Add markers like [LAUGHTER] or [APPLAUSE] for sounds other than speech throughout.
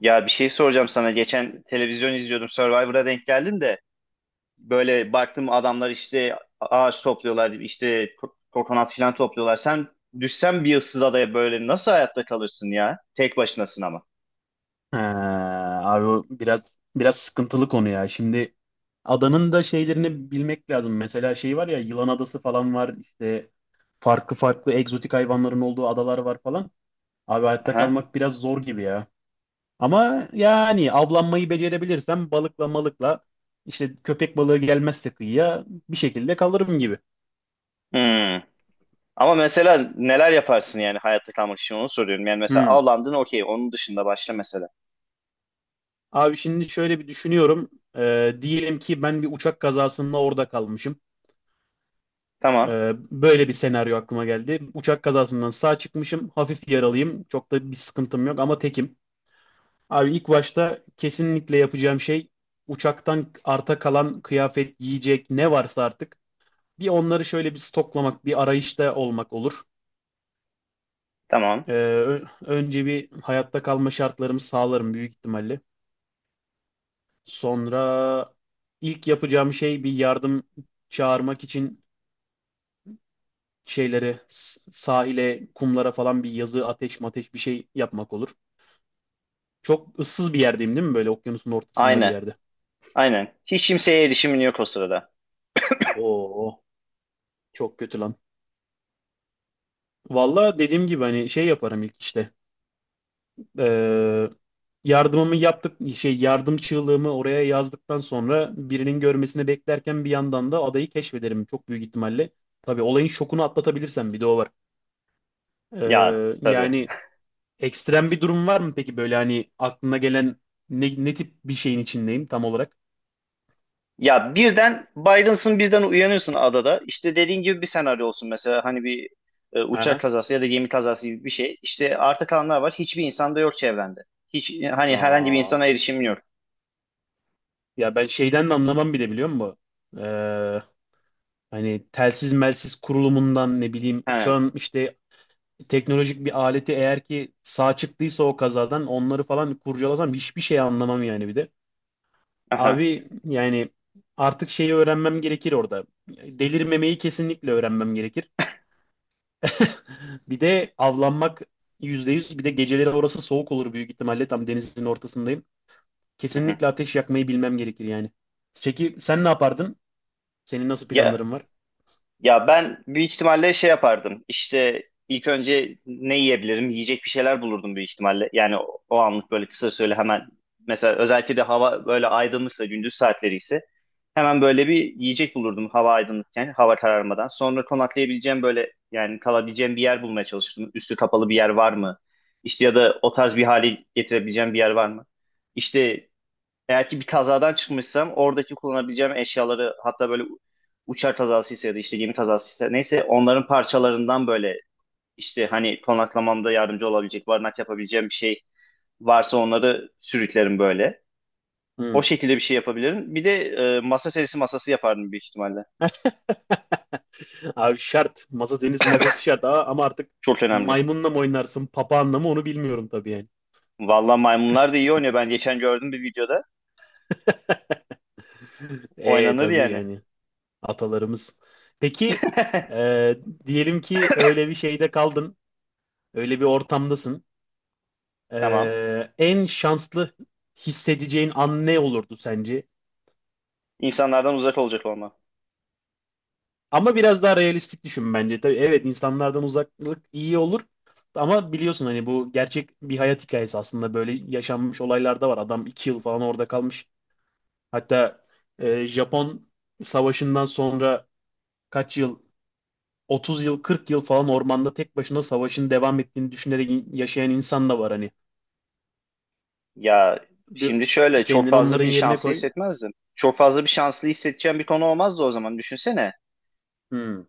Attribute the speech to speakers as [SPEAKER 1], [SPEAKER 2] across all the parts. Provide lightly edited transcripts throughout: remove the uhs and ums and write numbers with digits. [SPEAKER 1] Ya bir şey soracağım sana. Geçen televizyon izliyordum. Survivor'a denk geldim de böyle baktım adamlar işte ağaç topluyorlar, işte kokonat falan topluyorlar. Sen düşsen bir ıssız adaya böyle nasıl hayatta kalırsın ya? Tek başınasın ama.
[SPEAKER 2] Ee, Abi o biraz sıkıntılı konu ya. Şimdi adanın da şeylerini bilmek lazım. Mesela şey var ya, Yılan Adası falan var. İşte farklı farklı egzotik hayvanların olduğu adalar var falan. Abi hayatta
[SPEAKER 1] Aha.
[SPEAKER 2] kalmak biraz zor gibi ya. Ama yani avlanmayı becerebilirsem balıkla malıkla işte köpek balığı gelmezse kıyıya bir şekilde kalırım gibi.
[SPEAKER 1] Hmm. Ama mesela neler yaparsın yani hayatta kalmak için onu soruyorum. Yani mesela
[SPEAKER 2] Hmm.
[SPEAKER 1] avlandın okey onun dışında başla mesela.
[SPEAKER 2] Abi şimdi şöyle bir düşünüyorum. Diyelim ki ben bir uçak kazasında orada kalmışım.
[SPEAKER 1] Tamam.
[SPEAKER 2] Böyle bir senaryo aklıma geldi. Uçak kazasından sağ çıkmışım. Hafif yaralıyım. Çok da bir sıkıntım yok ama tekim. Abi ilk başta kesinlikle yapacağım şey uçaktan arta kalan kıyafet, yiyecek ne varsa artık bir onları şöyle bir stoklamak, bir arayışta olmak olur.
[SPEAKER 1] Tamam.
[SPEAKER 2] Önce bir hayatta kalma şartlarımı sağlarım büyük ihtimalle. Sonra ilk yapacağım şey bir yardım çağırmak için şeylere sahile, kumlara falan bir yazı, ateş mateş bir şey yapmak olur. Çok ıssız bir yerdeyim değil mi? Böyle okyanusun ortasında bir
[SPEAKER 1] Aynen.
[SPEAKER 2] yerde.
[SPEAKER 1] Aynen. Hiç kimseye erişimin yok o sırada.
[SPEAKER 2] Oo, Çok kötü lan. Valla dediğim gibi hani şey yaparım ilk işte. Ee, Yardımımı yaptık, şey yardım çığlığımı oraya yazdıktan sonra birinin görmesini beklerken bir yandan da adayı keşfederim çok büyük ihtimalle. Tabii olayın şokunu atlatabilirsem bir de o var.
[SPEAKER 1] Ya
[SPEAKER 2] Ee,
[SPEAKER 1] tabii.
[SPEAKER 2] yani Ekstrem bir durum var mı peki böyle hani aklına gelen ne tip bir şeyin içindeyim tam olarak?
[SPEAKER 1] Ya birden Byron'sın birden uyanıyorsun adada. İşte dediğin gibi bir senaryo olsun mesela hani bir uçak
[SPEAKER 2] Aha.
[SPEAKER 1] kazası ya da gemi kazası gibi bir şey. İşte arta kalanlar var. Hiçbir insan da yok çevrende. Hiç hani herhangi bir
[SPEAKER 2] Aa,
[SPEAKER 1] insana erişim yok.
[SPEAKER 2] Ya ben şeyden de anlamam bile biliyor musun? Ee, Hani telsiz melsiz kurulumundan ne bileyim
[SPEAKER 1] He.
[SPEAKER 2] uçağın işte teknolojik bir aleti eğer ki sağ çıktıysa o kazadan onları falan kurcalasam hiçbir şey anlamam yani bir de.
[SPEAKER 1] Aha.
[SPEAKER 2] Abi yani artık şeyi öğrenmem gerekir orada. Delirmemeyi kesinlikle öğrenmem gerekir. [LAUGHS] Bir de avlanmak yüzde yüz. Bir de geceleri orası soğuk olur büyük ihtimalle. Tam denizin ortasındayım.
[SPEAKER 1] Aha.
[SPEAKER 2] Kesinlikle ateş yakmayı bilmem gerekir yani. Peki sen ne yapardın? Senin nasıl
[SPEAKER 1] Ya
[SPEAKER 2] planların var?
[SPEAKER 1] Ya ben büyük ihtimalle şey yapardım. İşte ilk önce ne yiyebilirim? Yiyecek bir şeyler bulurdum büyük ihtimalle. Yani o anlık böyle kısa süreli hemen mesela özellikle de hava böyle aydınlıksa gündüz saatleri ise hemen böyle bir yiyecek bulurdum hava aydınlıkken, hava kararmadan. Sonra konaklayabileceğim böyle yani kalabileceğim bir yer bulmaya çalışırdım. Üstü kapalı bir yer var mı? İşte ya da o tarz bir hali getirebileceğim bir yer var mı? İşte eğer ki bir kazadan çıkmışsam oradaki kullanabileceğim eşyaları hatta böyle uçak kazasıysa ya da işte gemi kazasıysa neyse onların parçalarından böyle işte hani konaklamamda yardımcı olabilecek, barınak yapabileceğim bir şey varsa onları sürüklerim böyle. O
[SPEAKER 2] Hmm.
[SPEAKER 1] şekilde bir şey yapabilirim. Bir de masa serisi masası yapardım büyük ihtimalle.
[SPEAKER 2] [LAUGHS] Abi şart. Masa deniz masası şart. Ama artık
[SPEAKER 1] Çok önemli.
[SPEAKER 2] maymunla mı oynarsın, papağanla mı onu bilmiyorum tabii yani.
[SPEAKER 1] Vallahi maymunlar da iyi oynuyor. Ben geçen gördüm bir videoda.
[SPEAKER 2] [LAUGHS] E
[SPEAKER 1] Oynanır
[SPEAKER 2] tabii
[SPEAKER 1] yani.
[SPEAKER 2] yani atalarımız. Peki
[SPEAKER 1] [LAUGHS]
[SPEAKER 2] e, diyelim ki öyle bir şeyde kaldın. Öyle bir ortamdasın.
[SPEAKER 1] Tamam.
[SPEAKER 2] En şanslı hissedeceğin an ne olurdu sence?
[SPEAKER 1] İnsanlardan uzak olacak onlar.
[SPEAKER 2] Ama biraz daha realistik düşün bence. Tabii evet insanlardan uzaklık iyi olur. Ama biliyorsun hani bu gerçek bir hayat hikayesi aslında böyle yaşanmış olaylar da var. Adam 2 yıl falan orada kalmış. Hatta Japon savaşından sonra kaç yıl 30 yıl 40 yıl falan ormanda tek başına savaşın devam ettiğini düşünerek yaşayan insan da var hani.
[SPEAKER 1] Ya
[SPEAKER 2] Bir,
[SPEAKER 1] şimdi şöyle çok
[SPEAKER 2] Kendini
[SPEAKER 1] fazla
[SPEAKER 2] onların
[SPEAKER 1] bir
[SPEAKER 2] yerine
[SPEAKER 1] şanslı
[SPEAKER 2] koy.
[SPEAKER 1] hissetmezdin. Çok fazla bir şanslı hissedeceğin bir konu olmazdı o zaman düşünsene.
[SPEAKER 2] Hmm.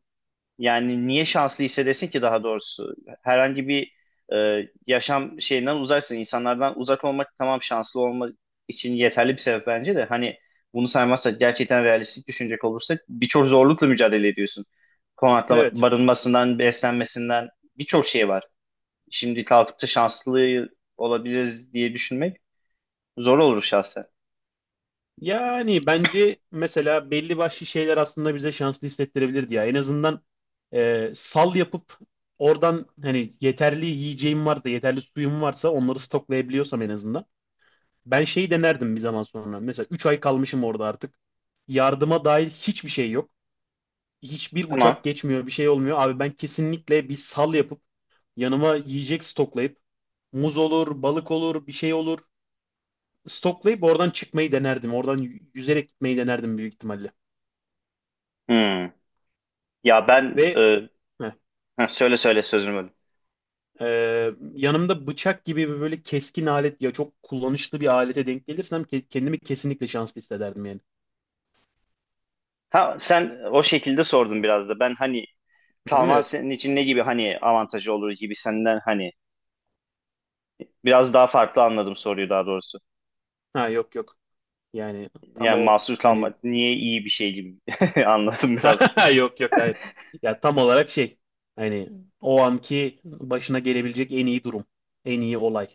[SPEAKER 1] Yani niye şanslı hissedesin ki daha doğrusu? Herhangi bir yaşam şeyinden uzaksın. İnsanlardan uzak olmak tamam şanslı olma için yeterli bir sebep bence de. Hani bunu saymazsak gerçekten realistik düşünecek olursak birçok zorlukla mücadele ediyorsun. Konaklama,
[SPEAKER 2] Evet.
[SPEAKER 1] barınmasından, beslenmesinden birçok şey var. Şimdi kalkıp da şanslı olabiliriz diye düşünmek zor olur şahsen.
[SPEAKER 2] Yani bence mesela belli başlı şeyler aslında bize şanslı hissettirebilirdi ya. En azından sal yapıp oradan hani yeterli yiyeceğim varsa, yeterli suyum varsa onları stoklayabiliyorsam en azından. Ben şeyi denerdim bir zaman sonra. Mesela 3 ay kalmışım orada artık. Yardıma dair hiçbir şey yok. Hiçbir
[SPEAKER 1] Tamam.
[SPEAKER 2] uçak geçmiyor, bir şey olmuyor. Abi ben kesinlikle bir sal yapıp yanıma yiyecek stoklayıp muz olur, balık olur, bir şey olur. Stoklayıp oradan çıkmayı denerdim. Oradan yüzerek gitmeyi denerdim büyük ihtimalle.
[SPEAKER 1] Hmm. Ya ben
[SPEAKER 2] Ve heh,
[SPEAKER 1] ha, söyle sözünü böldüm.
[SPEAKER 2] e, yanımda bıçak gibi bir böyle keskin alet ya çok kullanışlı bir alete denk gelirsem kendimi kesinlikle şanslı hissederdim yani.
[SPEAKER 1] Ha sen o şekilde sordun biraz da. Ben hani
[SPEAKER 2] Hı,
[SPEAKER 1] kalman
[SPEAKER 2] evet.
[SPEAKER 1] senin için ne gibi hani avantajı olur gibi senden hani biraz daha farklı anladım soruyu daha doğrusu.
[SPEAKER 2] Ha, yok yok. Yani tam
[SPEAKER 1] Yani
[SPEAKER 2] o
[SPEAKER 1] mahsur
[SPEAKER 2] hani
[SPEAKER 1] kalmak niye iyi bir şey gibi [LAUGHS] anladım biraz.
[SPEAKER 2] [LAUGHS] yok yok hayır. Ya tam olarak şey hani o anki başına gelebilecek en iyi durum. En iyi olay.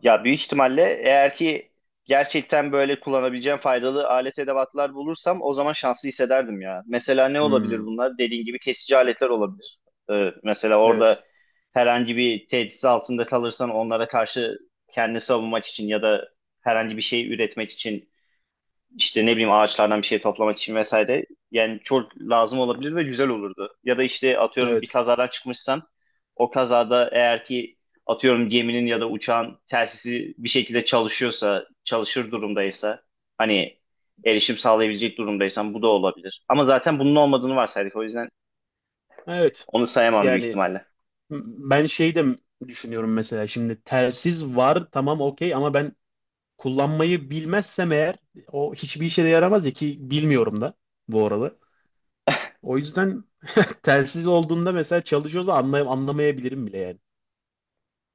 [SPEAKER 1] Ya büyük ihtimalle eğer ki gerçekten böyle kullanabileceğim faydalı alet edevatlar bulursam o zaman şanslı hissederdim ya. Mesela ne olabilir
[SPEAKER 2] Hmm,
[SPEAKER 1] bunlar? Dediğin gibi kesici aletler olabilir. Mesela
[SPEAKER 2] evet.
[SPEAKER 1] orada herhangi bir tehdit altında kalırsan onlara karşı kendini savunmak için ya da herhangi bir şey üretmek için işte ne bileyim ağaçlardan bir şey toplamak için vesaire. Yani çok lazım olabilir ve güzel olurdu. Ya da işte atıyorum bir
[SPEAKER 2] Evet.
[SPEAKER 1] kazadan çıkmışsan o kazada eğer ki atıyorum geminin ya da uçağın telsizi bir şekilde çalışıyorsa, çalışır durumdaysa hani erişim sağlayabilecek durumdaysan bu da olabilir. Ama zaten bunun olmadığını varsaydık, o yüzden
[SPEAKER 2] Evet.
[SPEAKER 1] onu sayamam büyük
[SPEAKER 2] Yani
[SPEAKER 1] ihtimalle.
[SPEAKER 2] m- ben şey de düşünüyorum mesela şimdi telsiz var tamam okey ama ben kullanmayı bilmezsem eğer o hiçbir işe de yaramaz ya ki bilmiyorum da bu arada. O yüzden [LAUGHS] telsiz olduğunda mesela çalışıyorsa anlamayabilirim bile yani.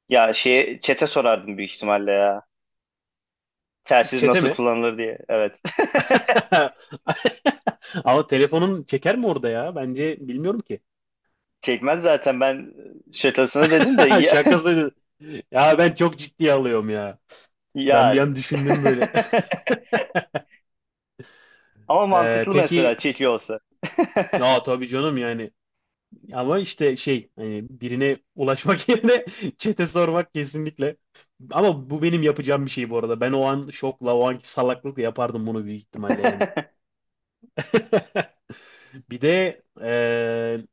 [SPEAKER 1] Ya şeye çete sorardım büyük ihtimalle ya. Telsiz
[SPEAKER 2] Çete
[SPEAKER 1] nasıl
[SPEAKER 2] mi?
[SPEAKER 1] kullanılır diye. Evet.
[SPEAKER 2] [LAUGHS] Ama telefonun çeker mi orada ya? Bence bilmiyorum ki.
[SPEAKER 1] [LAUGHS] Çekmez zaten, ben şakasına dedim de
[SPEAKER 2] [LAUGHS]
[SPEAKER 1] ya, [LAUGHS]
[SPEAKER 2] Şakası. Ya ben çok ciddiye alıyorum ya. Ben
[SPEAKER 1] Ya
[SPEAKER 2] bir an
[SPEAKER 1] [LAUGHS]
[SPEAKER 2] düşündüm böyle. [LAUGHS]
[SPEAKER 1] ama mantıklı mesela
[SPEAKER 2] Peki
[SPEAKER 1] çekiyor olsa.
[SPEAKER 2] ya
[SPEAKER 1] [LAUGHS]
[SPEAKER 2] tabii canım yani ama işte şey hani birine ulaşmak [LAUGHS] yerine çete sormak kesinlikle. Ama bu benim yapacağım bir şey bu arada. Ben o an şokla, o anki salaklıkla yapardım bunu büyük ihtimalle yani. [LAUGHS] Bir de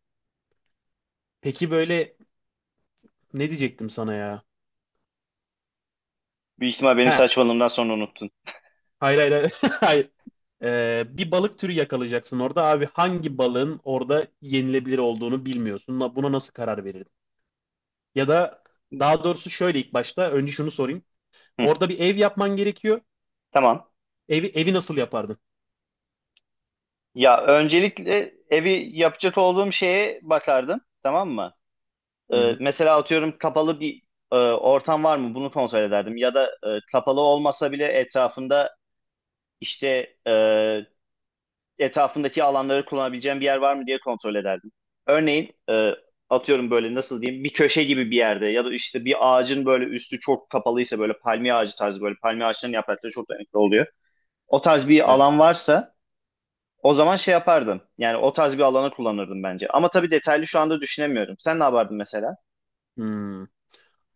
[SPEAKER 2] peki böyle ne diyecektim sana ya?
[SPEAKER 1] Büyük ihtimal benim
[SPEAKER 2] Ha,
[SPEAKER 1] saçmalığımdan sonra unuttun.
[SPEAKER 2] hayır hayır hayır. [LAUGHS] Hayır. Bir balık türü yakalayacaksın orada. Abi hangi balığın orada yenilebilir olduğunu bilmiyorsun. Buna nasıl karar verirdin? Ya da daha doğrusu şöyle ilk başta önce şunu sorayım.
[SPEAKER 1] Hı,
[SPEAKER 2] Orada bir ev yapman gerekiyor.
[SPEAKER 1] tamam.
[SPEAKER 2] Evi nasıl yapardın?
[SPEAKER 1] Ya öncelikle evi yapacak olduğum şeye bakardım. Tamam mı?
[SPEAKER 2] Hı hı.
[SPEAKER 1] Mesela atıyorum kapalı bir ortam var mı? Bunu kontrol ederdim. Ya da kapalı olmasa bile etrafında işte etrafındaki alanları kullanabileceğim bir yer var mı diye kontrol ederdim. Örneğin atıyorum böyle nasıl diyeyim bir köşe gibi bir yerde ya da işte bir ağacın böyle üstü çok kapalıysa böyle palmiye ağacı tarzı, böyle palmiye ağaçlarının yaprakları çok dayanıklı oluyor. O tarz bir
[SPEAKER 2] Evet.
[SPEAKER 1] alan varsa o zaman şey yapardım. Yani o tarz bir alanı kullanırdım bence. Ama tabii detaylı şu anda düşünemiyorum. Sen ne yapardın mesela?
[SPEAKER 2] Hmm.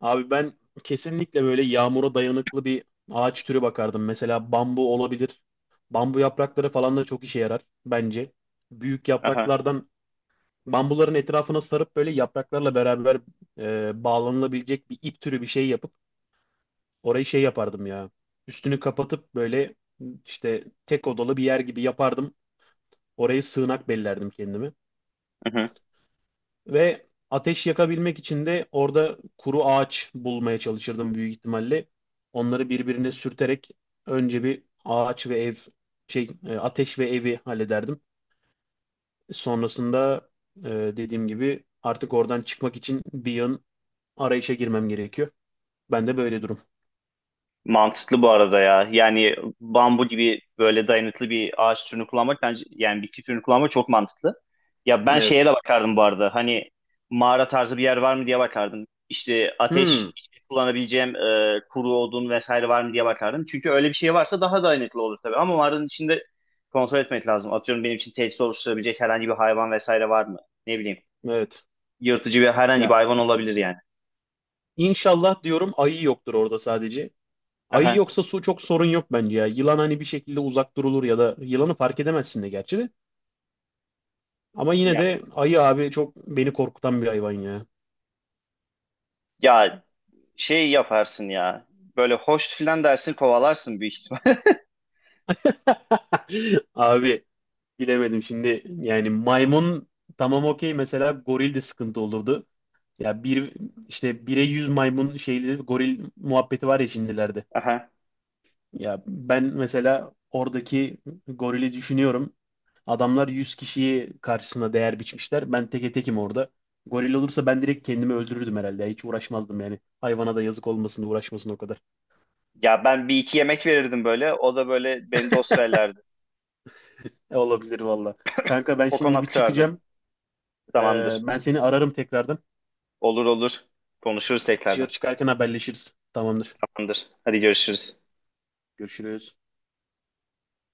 [SPEAKER 2] Abi ben kesinlikle böyle yağmura dayanıklı bir ağaç türü bakardım. Mesela bambu olabilir. Bambu yaprakları falan da çok işe yarar bence. Büyük
[SPEAKER 1] Aha.
[SPEAKER 2] yapraklardan bambuların etrafına sarıp böyle yapraklarla beraber bağlanılabilecek bir ip türü bir şey yapıp orayı şey yapardım ya. Üstünü kapatıp böyle işte tek odalı bir yer gibi yapardım. Orayı sığınak bellerdim kendime.
[SPEAKER 1] Hı hı.
[SPEAKER 2] Ve ateş yakabilmek için de orada kuru ağaç bulmaya çalışırdım büyük ihtimalle. Onları birbirine sürterek önce bir ağaç ve ev şey ateş ve evi hallederdim. Sonrasında e, dediğim gibi artık oradan çıkmak için bir yön arayışa girmem gerekiyor. Ben de böyle durum.
[SPEAKER 1] Mantıklı bu arada ya. Yani bambu gibi böyle dayanıklı bir ağaç türünü kullanmak bence, yani bitki türünü kullanmak çok mantıklı. Ya ben şeye
[SPEAKER 2] Evet.
[SPEAKER 1] de bakardım bu arada. Hani mağara tarzı bir yer var mı diye bakardım. İşte ateş,
[SPEAKER 2] Hmm,
[SPEAKER 1] işte kullanabileceğim kuru odun vesaire var mı diye bakardım. Çünkü öyle bir şey varsa daha dayanıklı olur tabii. Ama mağaranın içinde kontrol etmek lazım. Atıyorum benim için tehdit oluşturabilecek herhangi bir hayvan vesaire var mı? Ne bileyim.
[SPEAKER 2] evet.
[SPEAKER 1] Yırtıcı bir herhangi bir
[SPEAKER 2] Ya
[SPEAKER 1] hayvan olabilir yani.
[SPEAKER 2] inşallah diyorum ayı yoktur orada sadece. Ayı
[SPEAKER 1] Aha.
[SPEAKER 2] yoksa su çok sorun yok bence ya. Yılan hani bir şekilde uzak durulur ya da yılanı fark edemezsin de gerçi de. Ama yine
[SPEAKER 1] Ya,
[SPEAKER 2] de ayı abi çok beni korkutan bir hayvan ya.
[SPEAKER 1] ya, şey yaparsın ya. Böyle hoş filan dersin, kovalarsın büyük ihtimal.
[SPEAKER 2] [LAUGHS] Abi bilemedim şimdi yani maymun tamam okey mesela goril de sıkıntı olurdu. Ya bir işte bire yüz maymun şeyleri goril muhabbeti var ya şimdilerde.
[SPEAKER 1] [LAUGHS] Aha.
[SPEAKER 2] Ya ben mesela oradaki gorili düşünüyorum. Adamlar 100 kişiyi karşısına değer biçmişler. Ben teke tekim orada. Goril olursa ben direkt kendimi öldürürdüm herhalde. Hiç uğraşmazdım yani. Hayvana da yazık olmasın uğraşmasın o kadar.
[SPEAKER 1] Ya ben bir iki yemek verirdim böyle. O da böyle beni de osverlerdi.
[SPEAKER 2] E, olabilir valla. Kanka ben şimdi
[SPEAKER 1] Kokonat
[SPEAKER 2] bir
[SPEAKER 1] kırardım.
[SPEAKER 2] çıkacağım.
[SPEAKER 1] Tamamdır.
[SPEAKER 2] Ben seni ararım tekrardan.
[SPEAKER 1] Olur olur. Konuşuruz
[SPEAKER 2] Dışarı
[SPEAKER 1] tekrardan.
[SPEAKER 2] çıkarken haberleşiriz. Tamamdır.
[SPEAKER 1] Tamamdır. Hadi görüşürüz.
[SPEAKER 2] Görüşürüz.